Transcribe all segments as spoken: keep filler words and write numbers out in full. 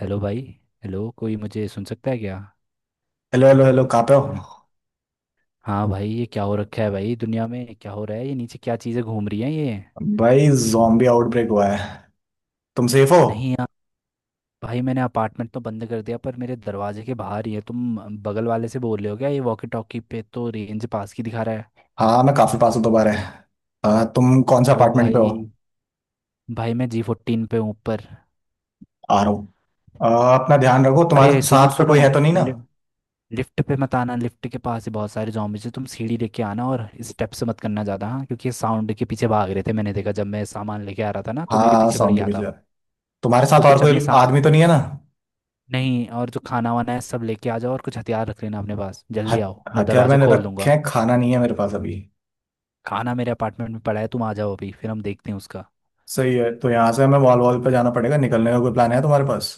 Hello भाई। Hello, कोई मुझे सुन सकता है क्या? हेलो हेलो हेलो, कहाँ पे हम्म। हो? हाँ भाई, ये क्या हो रखा है भाई, दुनिया में क्या हो रहा है? ये नीचे क्या चीज़ें घूम रही हैं ये? भाई, जॉम्बी आउटब्रेक हुआ है। तुम सेफ हो? नहीं यार। भाई मैंने अपार्टमेंट तो बंद कर दिया पर मेरे दरवाजे के बाहर ही है। तुम बगल वाले से बोल रहे हो क्या? ये वॉकी टॉकी पे तो रेंज पास की दिखा रहा है। हाँ, मैं काफी पास हूँ। दोबारा आ, तुम कौन सा तो अपार्टमेंट पे हो? भाई, भाई मैं जी फोर्टीन पे हूँ ऊपर। आ रहा हूँ। आ, अपना ध्यान रखो। तुम्हारे अरे सुनो साथ पे सुनो। कोई है तो नहीं ना? लिफ्ट पे मत आना, लिफ्ट के पास ही बहुत सारे zombies हैं। तुम सीढ़ी लेके आना और स्टेप से मत करना ज़्यादा, हाँ, क्योंकि साउंड के पीछे भाग रहे थे। मैंने देखा, जब मैं सामान लेके आ रहा था ना तो मेरे हाँ, पीछे पड़ साउंड के गया था पीछे जा वो। रहा है। तुम्हारे तो साथ और कुछ अपने कोई साथ। आदमी तो नहीं है ना? नहीं, और जो खाना वाना है सब लेके आ जाओ और कुछ हथियार रख लेना अपने पास। जल्दी आओ, हथ- मैं हथियार दरवाज़ा मैंने खोल रखे दूंगा। हैं। खाना नहीं है मेरे पास अभी। खाना मेरे अपार्टमेंट में पड़ा है, तुम आ जाओ अभी, फिर हम देखते हैं उसका। सही है। तो यहाँ से हमें वॉल वॉल पे जाना पड़ेगा। निकलने का कोई प्लान है तुम्हारे पास?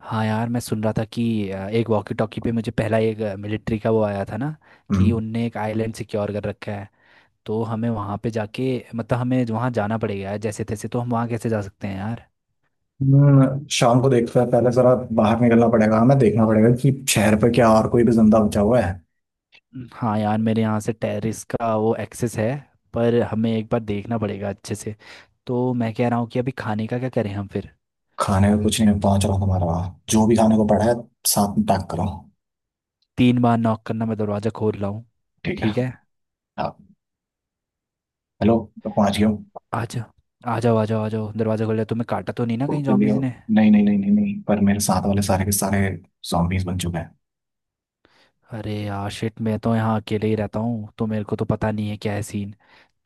हाँ यार मैं सुन रहा था कि अ, एक वॉकी टॉकी पे मुझे पहला एक मिलिट्री का वो आया था ना, कि हम्म। उनने एक आइलैंड सिक्योर कर रखा है। तो हमें वहाँ पे जाके, मतलब हमें वहाँ जाना पड़ेगा यार जैसे तैसे। तो हम वहाँ कैसे जा सकते हैं यार? हम्म, शाम को देखते हैं पहले जरा। बाहर निकलना पड़ेगा। हमें देखना पड़ेगा कि शहर पे क्या और कोई भी जिंदा बचा हुआ है। हाँ यार, मेरे यहाँ से टेरेस का वो एक्सेस है, पर हमें एक बार देखना पड़ेगा अच्छे से। तो मैं कह रहा हूँ कि अभी खाने का क्या करें हम फिर? खाने में कुछ नहीं। मैं पहुंच रहा हूँ। तुम्हारे वहाँ जो भी खाने को पड़ा है साथ में पैक करो। तीन बार नॉक करना, मैं दरवाज़ा खोल रहा हूँ। ठीक है। ठीक है। आप? हेलो? मैं पहुंच गया हूँ। आ जाओ। आ जाओ आ जाओ आ जाओ, दरवाज़ा खोल लिया। तुम्हें काटा तो नहीं ना कहीं जल्दी जॉम्बीज आओ। ने? नहीं नहीं नहीं नहीं नहीं, पर मेरे साथ वाले सारे के सारे zombies बन चुके हैं। अरे यार शिट, मैं तो यहाँ अकेले ही रहता हूँ तो मेरे को तो पता नहीं है क्या है सीन।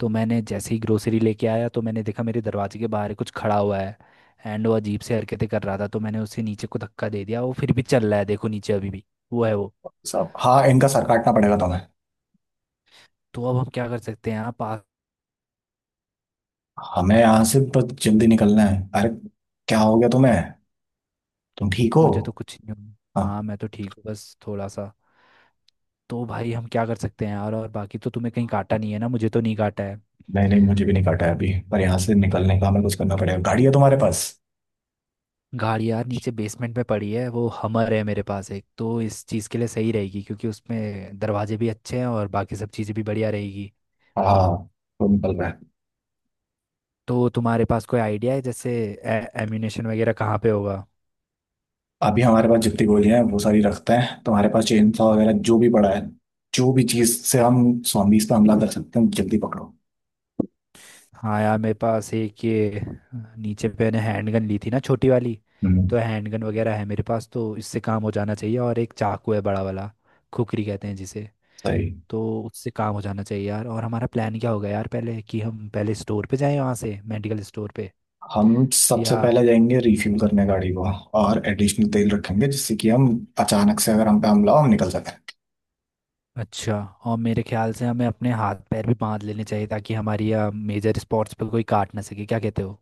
तो मैंने जैसे ही ग्रोसरी लेके आया तो मैंने देखा मेरे दरवाजे के बाहर कुछ खड़ा हुआ है। एंड वो अजीब से हरकतें कर रहा था तो मैंने उसे नीचे को धक्का दे दिया। वो फिर भी चल रहा है, देखो नीचे अभी भी वो है वो। सब। हाँ, इनका सर काटना पड़ेगा तुम्हें। तो अब हम क्या कर सकते हैं? आप आ- हमें यहाँ से बस जल्दी निकलना है। अरे, क्या हो गया तुम्हें? तुम ठीक हो? मुझे तो कुछ नहीं। हो- हाँ हाँ। मैं तो ठीक हूँ, बस थोड़ा सा। तो भाई हम क्या कर सकते हैं यार? और बाकी तो तुम्हें कहीं काटा नहीं है ना? मुझे तो नहीं काटा है। नहीं नहीं, मुझे भी नहीं काटा है अभी। पर यहाँ से निकलने का हमें कुछ करना पड़ेगा। गाड़ी है तुम्हारे पास? गाड़ी यार नीचे बेसमेंट में पड़ी है। वो हमर है मेरे पास, एक तो इस चीज़ के लिए सही रहेगी, क्योंकि उसमें दरवाजे भी अच्छे हैं और बाकी सब चीज़ें भी बढ़िया रहेगी। हाँ, तो निकल रहा है। तो तुम्हारे पास कोई आइडिया है जैसे एम्यूनेशन वगैरह कहाँ पे होगा? अभी हमारे पास जितनी गोलियां हैं वो सारी रखते हैं। तो हमारे पास चेन सॉ वगैरह जो भी पड़ा है, जो भी चीज से हम zombies पे हमला कर सकते हैं जल्दी पकड़ो। हाँ यार मेरे पास एक ये, नीचे पे मैंने हैंडगन ली थी ना छोटी वाली। हम्म, तो हैंडगन वगैरह है मेरे पास, तो इससे काम हो जाना चाहिए। और एक चाकू है बड़ा वाला, खुकरी कहते हैं जिसे। सही। तो उससे काम हो जाना चाहिए यार। और हमारा प्लान क्या होगा यार पहले, कि हम पहले स्टोर पे जाएं, वहाँ से मेडिकल स्टोर पे? हम सबसे या पहले जाएंगे रिफ्यूल करने गाड़ी को। और एडिशनल तेल ठीक है। रखेंगे, जिससे कि हम अचानक से अगर हम पे हमला हो, हम निकल सकें। अच्छा। और मेरे ख्याल से हमें अपने हाथ पैर भी बांध लेने चाहिए, ताकि हमारी मेजर स्पॉट्स पर कोई काट ना सके, क्या कहते हो?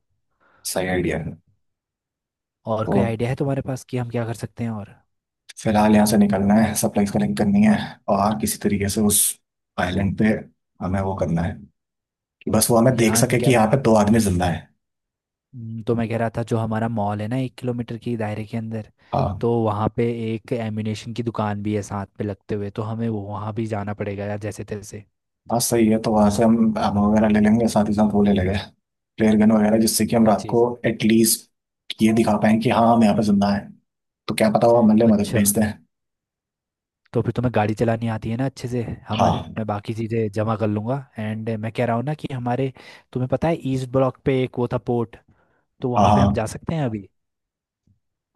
सही आइडिया है। और कोई तो आइडिया है तुम्हारे पास कि हम क्या कर सकते हैं और? फिलहाल यहाँ से निकलना है। सप्लाईज कलेक्ट करनी है। और किसी तरीके से उस आइलैंड पे हमें वो करना है कि बस वो हमें देख यार मैं सके कि कह यहाँ पे रहा दो आदमी जिंदा है। हम्म, तो मैं कह रहा था, जो हमारा मॉल है ना एक किलोमीटर की दायरे के अंदर, हाँ तो वहाँ पे एक एम्यूनेशन की दुकान भी है साथ पे लगते हुए। तो हमें वो- वहाँ भी जाना पड़ेगा यार जैसे तैसे। हाँ। सही है। तो वहाँ से हम आर्मर वगैरह ले लेंगे। साथ ही साथ वो ले लेंगे फ्लेयर गन वगैरह, जिससे कि हम क्या रात को चीज़? एटलीस्ट ये दिखा पाएं कि हाँ, हम यहाँ पे जिंदा हैं। तो क्या पता वो हमारे लिए मदद अच्छा। भेज दें। तो फिर तुम्हें गाड़ी चलानी आती है ना अच्छे से? हमर हाँ मैं बाकी चीज़ें जमा कर लूँगा। एंड मैं कह रहा हूँ ना कि हमारे, तुम्हें पता है ईस्ट ब्लॉक पे एक वो था पोर्ट, तो हाँ वहाँ पे हम हाँ। जा सकते हैं अभी।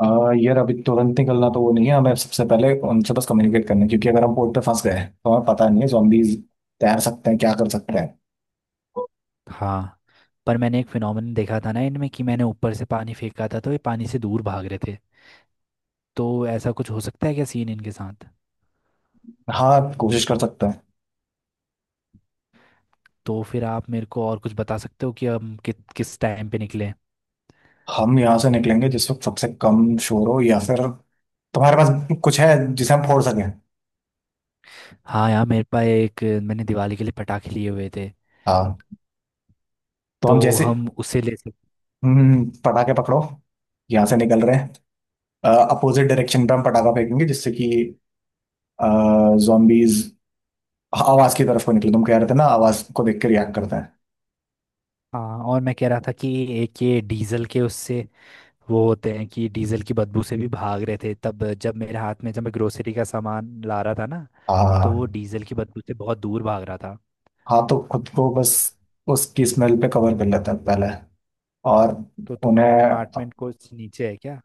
आ, यार, अभी तुरंत निकलना तो वो नहीं है। हमें सबसे पहले उनसे बस कम्युनिकेट करना है, क्योंकि अगर हम पोर्ट पे फंस गए तो हमें पता नहीं है zombies तैर सकते हैं, क्या कर सकते हैं। हाँ, पर मैंने एक फिनोमेना देखा था ना इनमें, कि मैंने ऊपर से पानी फेंका था तो ये पानी से दूर भाग रहे थे। तो ऐसा कुछ हो सकता है क्या सीन इनके साथ? हाँ, कोशिश कर सकते हैं। तो फिर आप मेरे को और कुछ बता सकते हो कि हम कि, किस टाइम पे निकलें? हम यहाँ से निकलेंगे जिस वक्त सबसे कम शोर हो, या फिर तुम्हारे पास कुछ है जिसे हम फोड़ सकें। हाँ यार मेरे पास एक, मैंने दिवाली के लिए पटाखे लिए हुए थे। हाँ। तो हम तो जैसे, हम उसे ले सकते। हम्म पटाखे पकड़ो। यहाँ से निकल रहे हैं। अपोजिट डायरेक्शन पे हम पटाखा फेंकेंगे, जिससे कि जॉम्बीज आवाज की तरफ को निकले। तुम कह रहे थे ना, आवाज को देख के रिएक्ट करते हैं। हाँ, और मैं कह रहा था कि एक ये डीजल के उससे वो होते हैं, कि डीजल की बदबू से भी भाग रहे थे तब, जब मेरे हाथ में, जब मैं ग्रोसरी का सामान ला रहा था ना, तो वो हाँ। डीजल की बदबू से बहुत दूर भाग रहा था। हाँ, तो खुद को बस तो, उसकी स्मेल पे कवर कर लेते हैं पहले। और तो तुम्हारा उन्हें अपार्टमेंट कुछ नीचे है क्या?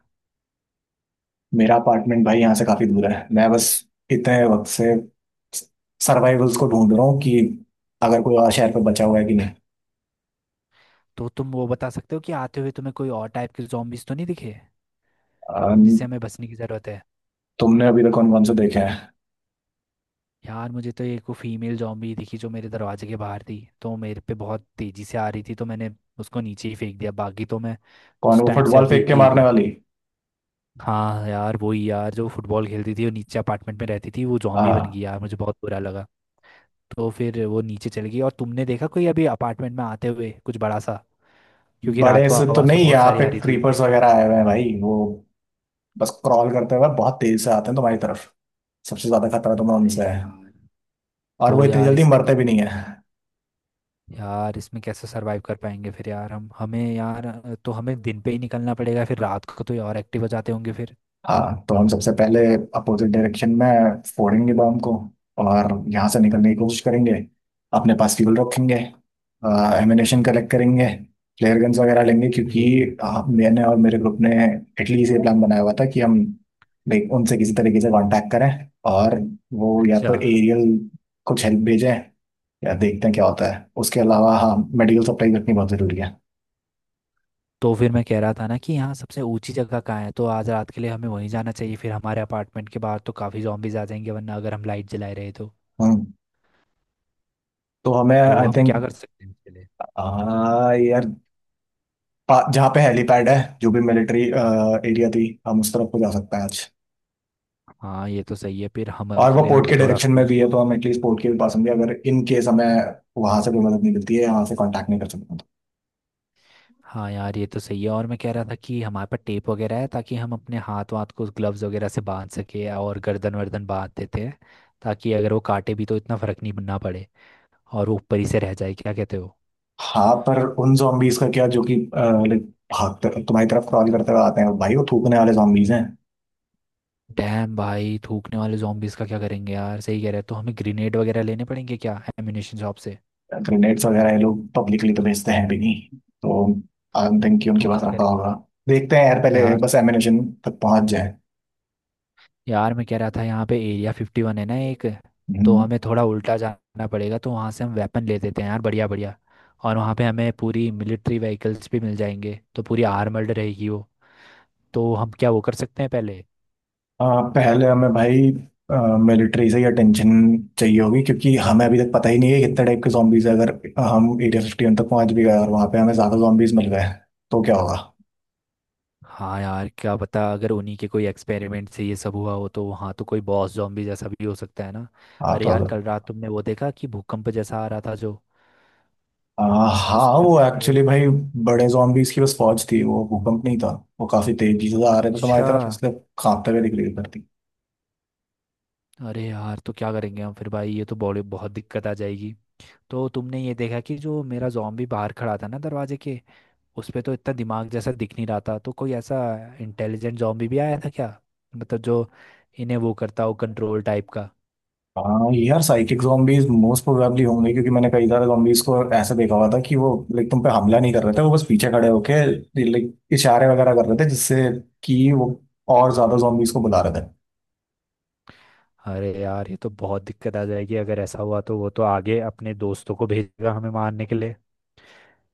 मेरा अपार्टमेंट, भाई, यहाँ से काफी दूर है। मैं बस इतने वक्त से सर्वाइवल्स को ढूंढ रहा हूँ कि अगर कोई और शहर पे बचा हुआ है कि नहीं। तो तुम वो बता सकते हो कि आते हुए तुम्हें कोई और टाइप के zombies तो नहीं दिखे, अ, जिससे हमें बचने की ज़रूरत है? तुमने अभी तक कौन कौन से देखे हैं? यार मुझे तो एक वो फीमेल जॉम्बी दिखी, जो मेरे दरवाजे के बाहर थी। तो मेरे पे बहुत तेज़ी से आ रही थी, तो मैंने उसको नीचे ही फेंक दिया। बाकी तो मैं कौन, उस वो टाइम से फुटबॉल अभी। फेंक के मारने वाली? हाँ यार वही यार, जो फुटबॉल खेलती थी, वो नीचे अपार्टमेंट में रहती थी, वो जॉम्बी बन गई हाँ। यार, मुझे बहुत बुरा लगा। तो फिर वो नीचे चली गई। और तुमने देखा कोई अभी अपार्टमेंट में आते हुए कुछ बड़ा सा? क्योंकि रात बड़े को से तो आवाज़ तो नहीं। बहुत यहाँ सारी पे आ रही थी। क्रीपर्स वगैरह आए हुए हैं भाई। वो बस क्रॉल करते हुए बहुत तेज से आते हैं तुम्हारी तरफ। सबसे ज्यादा खतरा तुम्हें अरे उनसे है। यार। और वो तो इतनी यार जल्दी इसकी मरते भी इसमें नहीं है। यार इसमें कैसे सरवाइव कर पाएंगे फिर यार? हम हमें यार, अ, तो हमें दिन पे ही निकलना पड़ेगा फिर। रात को तो ये और एक्टिव हो जाते होंगे फिर। हाँ। तो हम सबसे पहले अपोजिट डायरेक्शन में फोड़ेंगे बॉम्ब को। और यहाँ से निकलने की कोशिश करेंगे। अपने पास फ्यूल रखेंगे। एमिनेशन कलेक्ट करेंगे। फ्लेयर गन्स वगैरह लेंगे, क्योंकि ठीक है। अ, मैंने और मेरे ग्रुप ने इटली से प्लान बनाया हुआ था कि हम लाइक उनसे किसी तरीके से कांटेक्ट करें। और वो या अच्छा। तो एरियल कुछ हेल्प भेजें, या देखते हैं क्या होता है। उसके अलावा हाँ, मेडिकल सप्लाई रखनी बहुत ज़रूरी है। तो फिर मैं कह रहा था ना कि यहाँ सबसे ऊंची जगह कहाँ है, तो आज रात के लिए हमें वहीं जाना चाहिए। फिर हमारे अपार्टमेंट के बाहर तो काफ़ी जॉम्बीज आ जाएंगे वरना, अगर हम लाइट जलाए रहे तो। हम्म। तो हमें तो आई हम थिंक, क्या कर सकते हैं इसके लिए? यार, पा- जहाँ पे हेलीपैड है, जो भी मिलिट्री एरिया थी, हम उस तरफ को जा सकते हैं आज। हाँ ये तो सही है, फिर हमारे और के वो लिए पोर्ट हम के थोड़ा डायरेक्शन में फ्यू- भी है, तो हम एटलीस्ट पोर्ट के भी पास होंगे अगर इन केस हमें वहां से कोई मदद नहीं मिलती है, यहाँ से कांटेक्ट नहीं कर सकते हैं तो। हाँ यार ये तो सही है। और मैं कह रहा था कि हमारे पास टेप वगैरह है, ताकि हम अपने हाथ वाथ को ग्लव्स वगैरह से बांध सके, और गर्दन वर्दन बांध देते हैं, ताकि अगर वो काटे भी तो इतना फर्क नहीं ना पड़े, और वो ऊपर ही से रह जाए। क्या कहते हो? हाँ, पर उन zombies का क्या जो कि लाइक भागते तुम्हारी तरफ क्रॉल करते हुए आते हैं, भाई वो थूकने वाले zombies हैं। डैम भाई, थूकने वाले zombies का क्या करेंगे यार? सही कह रहे हैं। तो हमें ग्रेनेड वगैरह लेने पड़ेंगे क्या एम्यूनेशन शॉप से? ग्रेनेड्स वगैरह ये लोग पब्लिकली तो भेजते हैं भी नहीं। तो आई डोंट थिंक कि तो उनके पास क्या रखा करें? होगा। देखते हैं यार। पहले यार, बस एमिनेशन तक पहुंच यार मैं कह रहा था यहाँ पे एरिया फिफ्टी वन है ना एक, जाए। तो हमें थोड़ा उल्टा जाना पड़ेगा। तो वहाँ से हम वेपन ले लेते हैं यार, बढ़िया बढ़िया। और वहाँ पे हमें पूरी मिलिट्री व्हीकल्स भी मिल जाएंगे, तो पूरी आर्मर्ड रहेगी वो। तो हम क्या वो कर सकते हैं पहले? आ, पहले हमें, भाई, मिलिट्री से ही अटेंशन चाहिए होगी, क्योंकि हमें अभी तक पता ही नहीं है कितने टाइप के जॉम्बीज है। अगर हम एरिया फिफ्टी वन तक पहुंच भी गए और वहां पे हमें ज्यादा जॉम्बीज मिल गए, तो क्या होगा? हाँ यार, क्या पता अगर उन्हीं के कोई एक्सपेरिमेंट से ये सब हुआ हो, तो वहाँ तो कोई बॉस जॉम्बी जैसा भी हो सकता है ना। हाँ, अरे तो यार अगर कल रात तुमने वो देखा कि भूकंप जैसा आ रहा था, जो आ, हाँ, उस पे वो मैंने। एक्चुअली, भाई, बड़े जॉम्बीज की बस फौज थी। वो भूकंप नहीं था। वो काफी तेजी से आ रहे थे तुम्हारी अच्छा। तरफ, इसलिए कांपते हुए दिख रही थी। अरे यार तो क्या करेंगे हम फिर भाई? ये तो बड़ी बहुत दिक्कत आ जाएगी। तो तुमने ये देखा कि जो मेरा जॉम्बी बाहर खड़ा था ना दरवाजे के, उस पे तो इतना दिमाग जैसा दिख नहीं रहा था। तो कोई ऐसा इंटेलिजेंट जॉम्बी भी आया था क्या, मतलब जो इन्हें वो करता हो कंट्रोल टाइप का? हाँ यार, साइकिक zombies मोस्ट प्रोबेबली होंगे, क्योंकि मैंने कई सारे zombies को ऐसे देखा हुआ था कि वो लाइक तुम पे हमला नहीं कर रहे थे। वो बस पीछे खड़े होके लाइक इशारे वगैरह कर रहे थे, जिससे कि वो और ज्यादा zombies को बुला रहे थे। अरे यार ये तो बहुत दिक्कत आ जाएगी, अगर ऐसा हुआ तो वो तो आगे अपने दोस्तों को भेजेगा हमें मारने के लिए।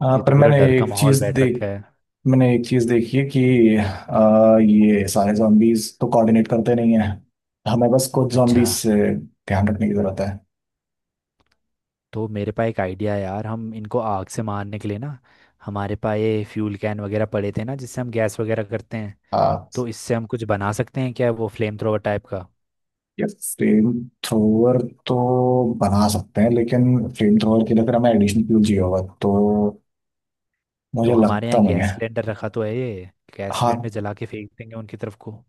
आ, ये पर तो पूरा मैंने डर का एक माहौल चीज बैठ वही रखा देख है। मैंने एक चीज देखी है कि आ, ये सारे zombies तो कोऑर्डिनेट करते नहीं है। हमें बस कुछ अच्छा। zombies से ध्यान रखने की जरूरत है। तो मेरे पास एक आइडिया है यार, हम इनको आग से मारने के लिए ना, हमारे पास ये फ्यूल कैन वगैरह पड़े थे ना, जिससे हम गैस वगैरह करते हैं। हाँ। तो इससे हम कुछ बना सकते हैं क्या वो फ्लेम थ्रोवर टाइप का? या फ्लेम थ्रोवर तो बना सकते हैं, लेकिन फ्लेम थ्रोवर के लिए फिर हमें एडिशनल फ्यूल चाहिए होगा। तो तो मुझे हमारे लगता यहाँ नहीं गैस है। सिलेंडर रखा तो है ये, गैस सिलेंडर हाँ, जला के फेंक देंगे उनकी तरफ को।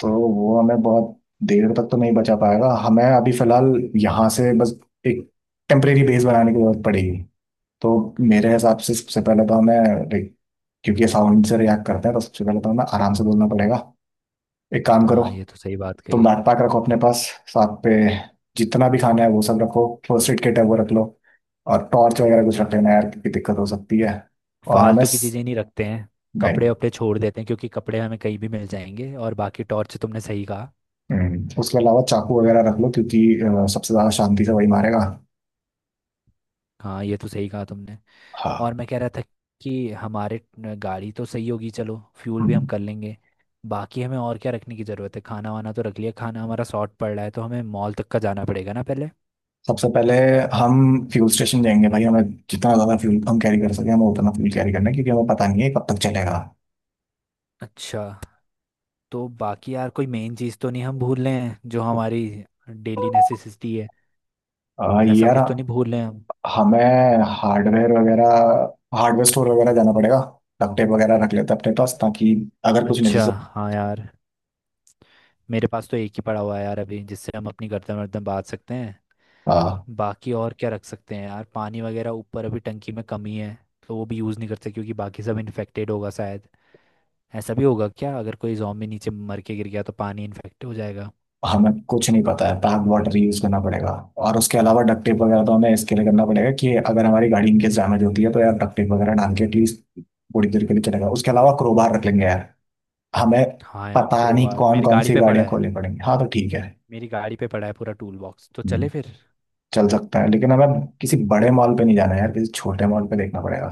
तो वो हमें बहुत देर तक तो नहीं बचा पाएगा। हमें अभी फिलहाल यहाँ से बस एक टेम्परेरी बेस बनाने की जरूरत पड़ेगी। तो मेरे हिसाब से सबसे पहले तो हमें like, क्योंकि ये साउंड से रिएक्ट करते हैं, तो सबसे पहले तो हमें आराम से बोलना पड़ेगा। एक काम करो। हाँ ये तो सही बात तुम कही। बैकपैक रखो अपने पास साथ पे। जितना भी खाना है वो सब रखो। फर्स्ट एड किट है वो रख लो। और टॉर्च वगैरह कुछ अच्छा। रख लेना यार, क्योंकि दिक्कत हो सकती है। और हमें फालतू की स... चीज़ें नहीं रखते हैं, कपड़े नहीं। वपड़े छोड़ देते हैं, क्योंकि कपड़े हमें कहीं भी मिल जाएंगे। और बाकी टॉर्च, तुमने सही कहा। हम्म, उसके अलावा चाकू वगैरह रख लो, क्योंकि अ, सबसे ज्यादा शांति से वही मारेगा। हाँ ये तो सही कहा तुमने। और हाँ। मैं कह रहा था कि हमारे न- गाड़ी तो सही होगी, चलो फ्यूल भी हम हम्म, कर लेंगे। बाकी हमें और क्या रखने की ज़रूरत है? खाना वाना तो रख लिया। खाना हमारा शॉर्ट पड़ रहा है, तो हमें मॉल तक का जाना पड़ेगा ना पहले। सबसे पहले हम फ्यूल स्टेशन जाएंगे भाई। हमें जितना ज्यादा फ्यूल हम कैरी कर सके, हम उतना फ्यूल कैरी करना है, क्योंकि हमें पता नहीं है कब तक चलेगा। अच्छा। तो बाकी यार कोई मेन चीज़ तो नहीं हम भूल रहे हैं जो हमारी डेली नेसेसिटी है? और ऐसा यार, कुछ तो नहीं भूल रहे हैं हम? हमें हार्डवेयर वगैरह, हार्डवेयर स्टोर वगैरह जाना पड़ेगा। डक्ट टेप वगैरह रख लेते हैं अपने पास, ताकि अगर कुछ अच्छा। नेसेसरी। हाँ यार, मेरे पास तो एक ही पड़ा हुआ है यार अभी, जिससे हम अपनी गर्दन वर्दन बांध सकते हैं। हाँ, बाकी और क्या रख सकते हैं यार? पानी वगैरह ऊपर अभी टंकी में कमी है, तो वो भी यूज़ नहीं करते, क्योंकि बाकी सब इन्फेक्टेड होगा शायद। ऐसा भी होगा क्या, अगर कोई जॉम्बी नीचे मर के गिर गया तो पानी इन्फेक्ट हो जाएगा? हमें कुछ नहीं पता है। पैक वाटर यूज करना पड़ेगा। और उसके अलावा डक्ट टेप वगैरह तो हमें इसके लिए करना पड़ेगा कि अगर हमारी गाड़ी इनकेस डैमेज होती है तो यार डक्ट टेप वगैरह डाल के एटलीस्ट थोड़ी देर के लिए चलेगा। उसके अलावा क्रोबार रख लेंगे यार। हमें हाँ यार पता नहीं क्रोबार कौन मेरी कौन गाड़ी सी पे पड़ा गाड़ियां है। खोलनी पड़ेंगी। हाँ, तो ठीक है। मेरी गाड़ी पे पड़ा है पूरा टूल बॉक्स, तो चले हम्म, फिर। चल सकता है, लेकिन हमें किसी बड़े मॉल पे नहीं जाना है यार। किसी छोटे मॉल पे देखना पड़ेगा।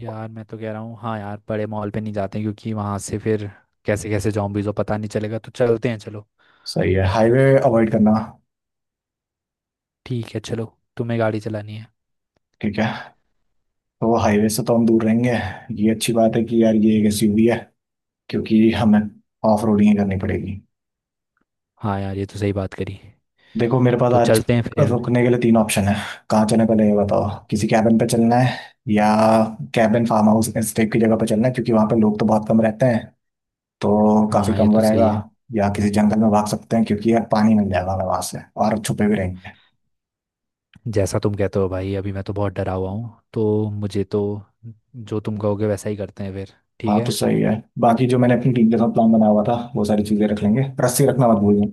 यार मैं तो कह रहा हूँ, हाँ यार बड़े मॉल पे नहीं जाते हैं, क्योंकि वहाँ से फिर कैसे कैसे जॉम्बीज़ हो पता नहीं चलेगा। तो चलते हैं चलो। सही है। हाईवे अवॉइड करना। ठीक है चलो, तुम्हें गाड़ी चलानी है। ठीक है। तो वो हाईवे से तो हम दूर रहेंगे। ये अच्छी बात है कि यार ये एक एसयूवी है, क्योंकि हमें ऑफ रोडिंग ही करनी पड़ेगी। हाँ यार ये तो सही बात करी। देखो, मेरे पास तो चलते हैं फिर आज यार। रुकने के लिए तीन ऑप्शन है। कहाँ चलने पहले ये बताओ, किसी कैबिन पे चलना है? या कैबिन फार्म हाउस स्टे की जगह पे चलना है, क्योंकि वहाँ पे लोग तो बहुत कम रहते हैं तो काफी हाँ ये कम वो तो सही रहेगा। है। या किसी जंगल में भाग सकते हैं, क्योंकि यार पानी मिल जाएगा हमें वहां से और छुपे भी रहेंगे। जैसा तुम कहते हो भाई, अभी मैं तो बहुत डरा हुआ हूँ, तो मुझे तो जो तुम कहोगे वैसा ही करते हैं फिर। ठीक हाँ, तो है। सही है। बाकी जो मैंने अपनी टीम के साथ प्लान बनाया हुआ था वो सारी चीजें रख लेंगे। रस्सी रखना मत भूलना।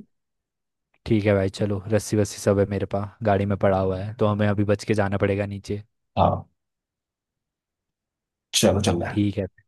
ठीक है भाई चलो, रस्सी वस्सी सब है मेरे पास गाड़ी में पड़ा हुआ है। तो हमें अभी बच के जाना पड़ेगा नीचे। हाँ, चलो, चल रहा है। ठीक है।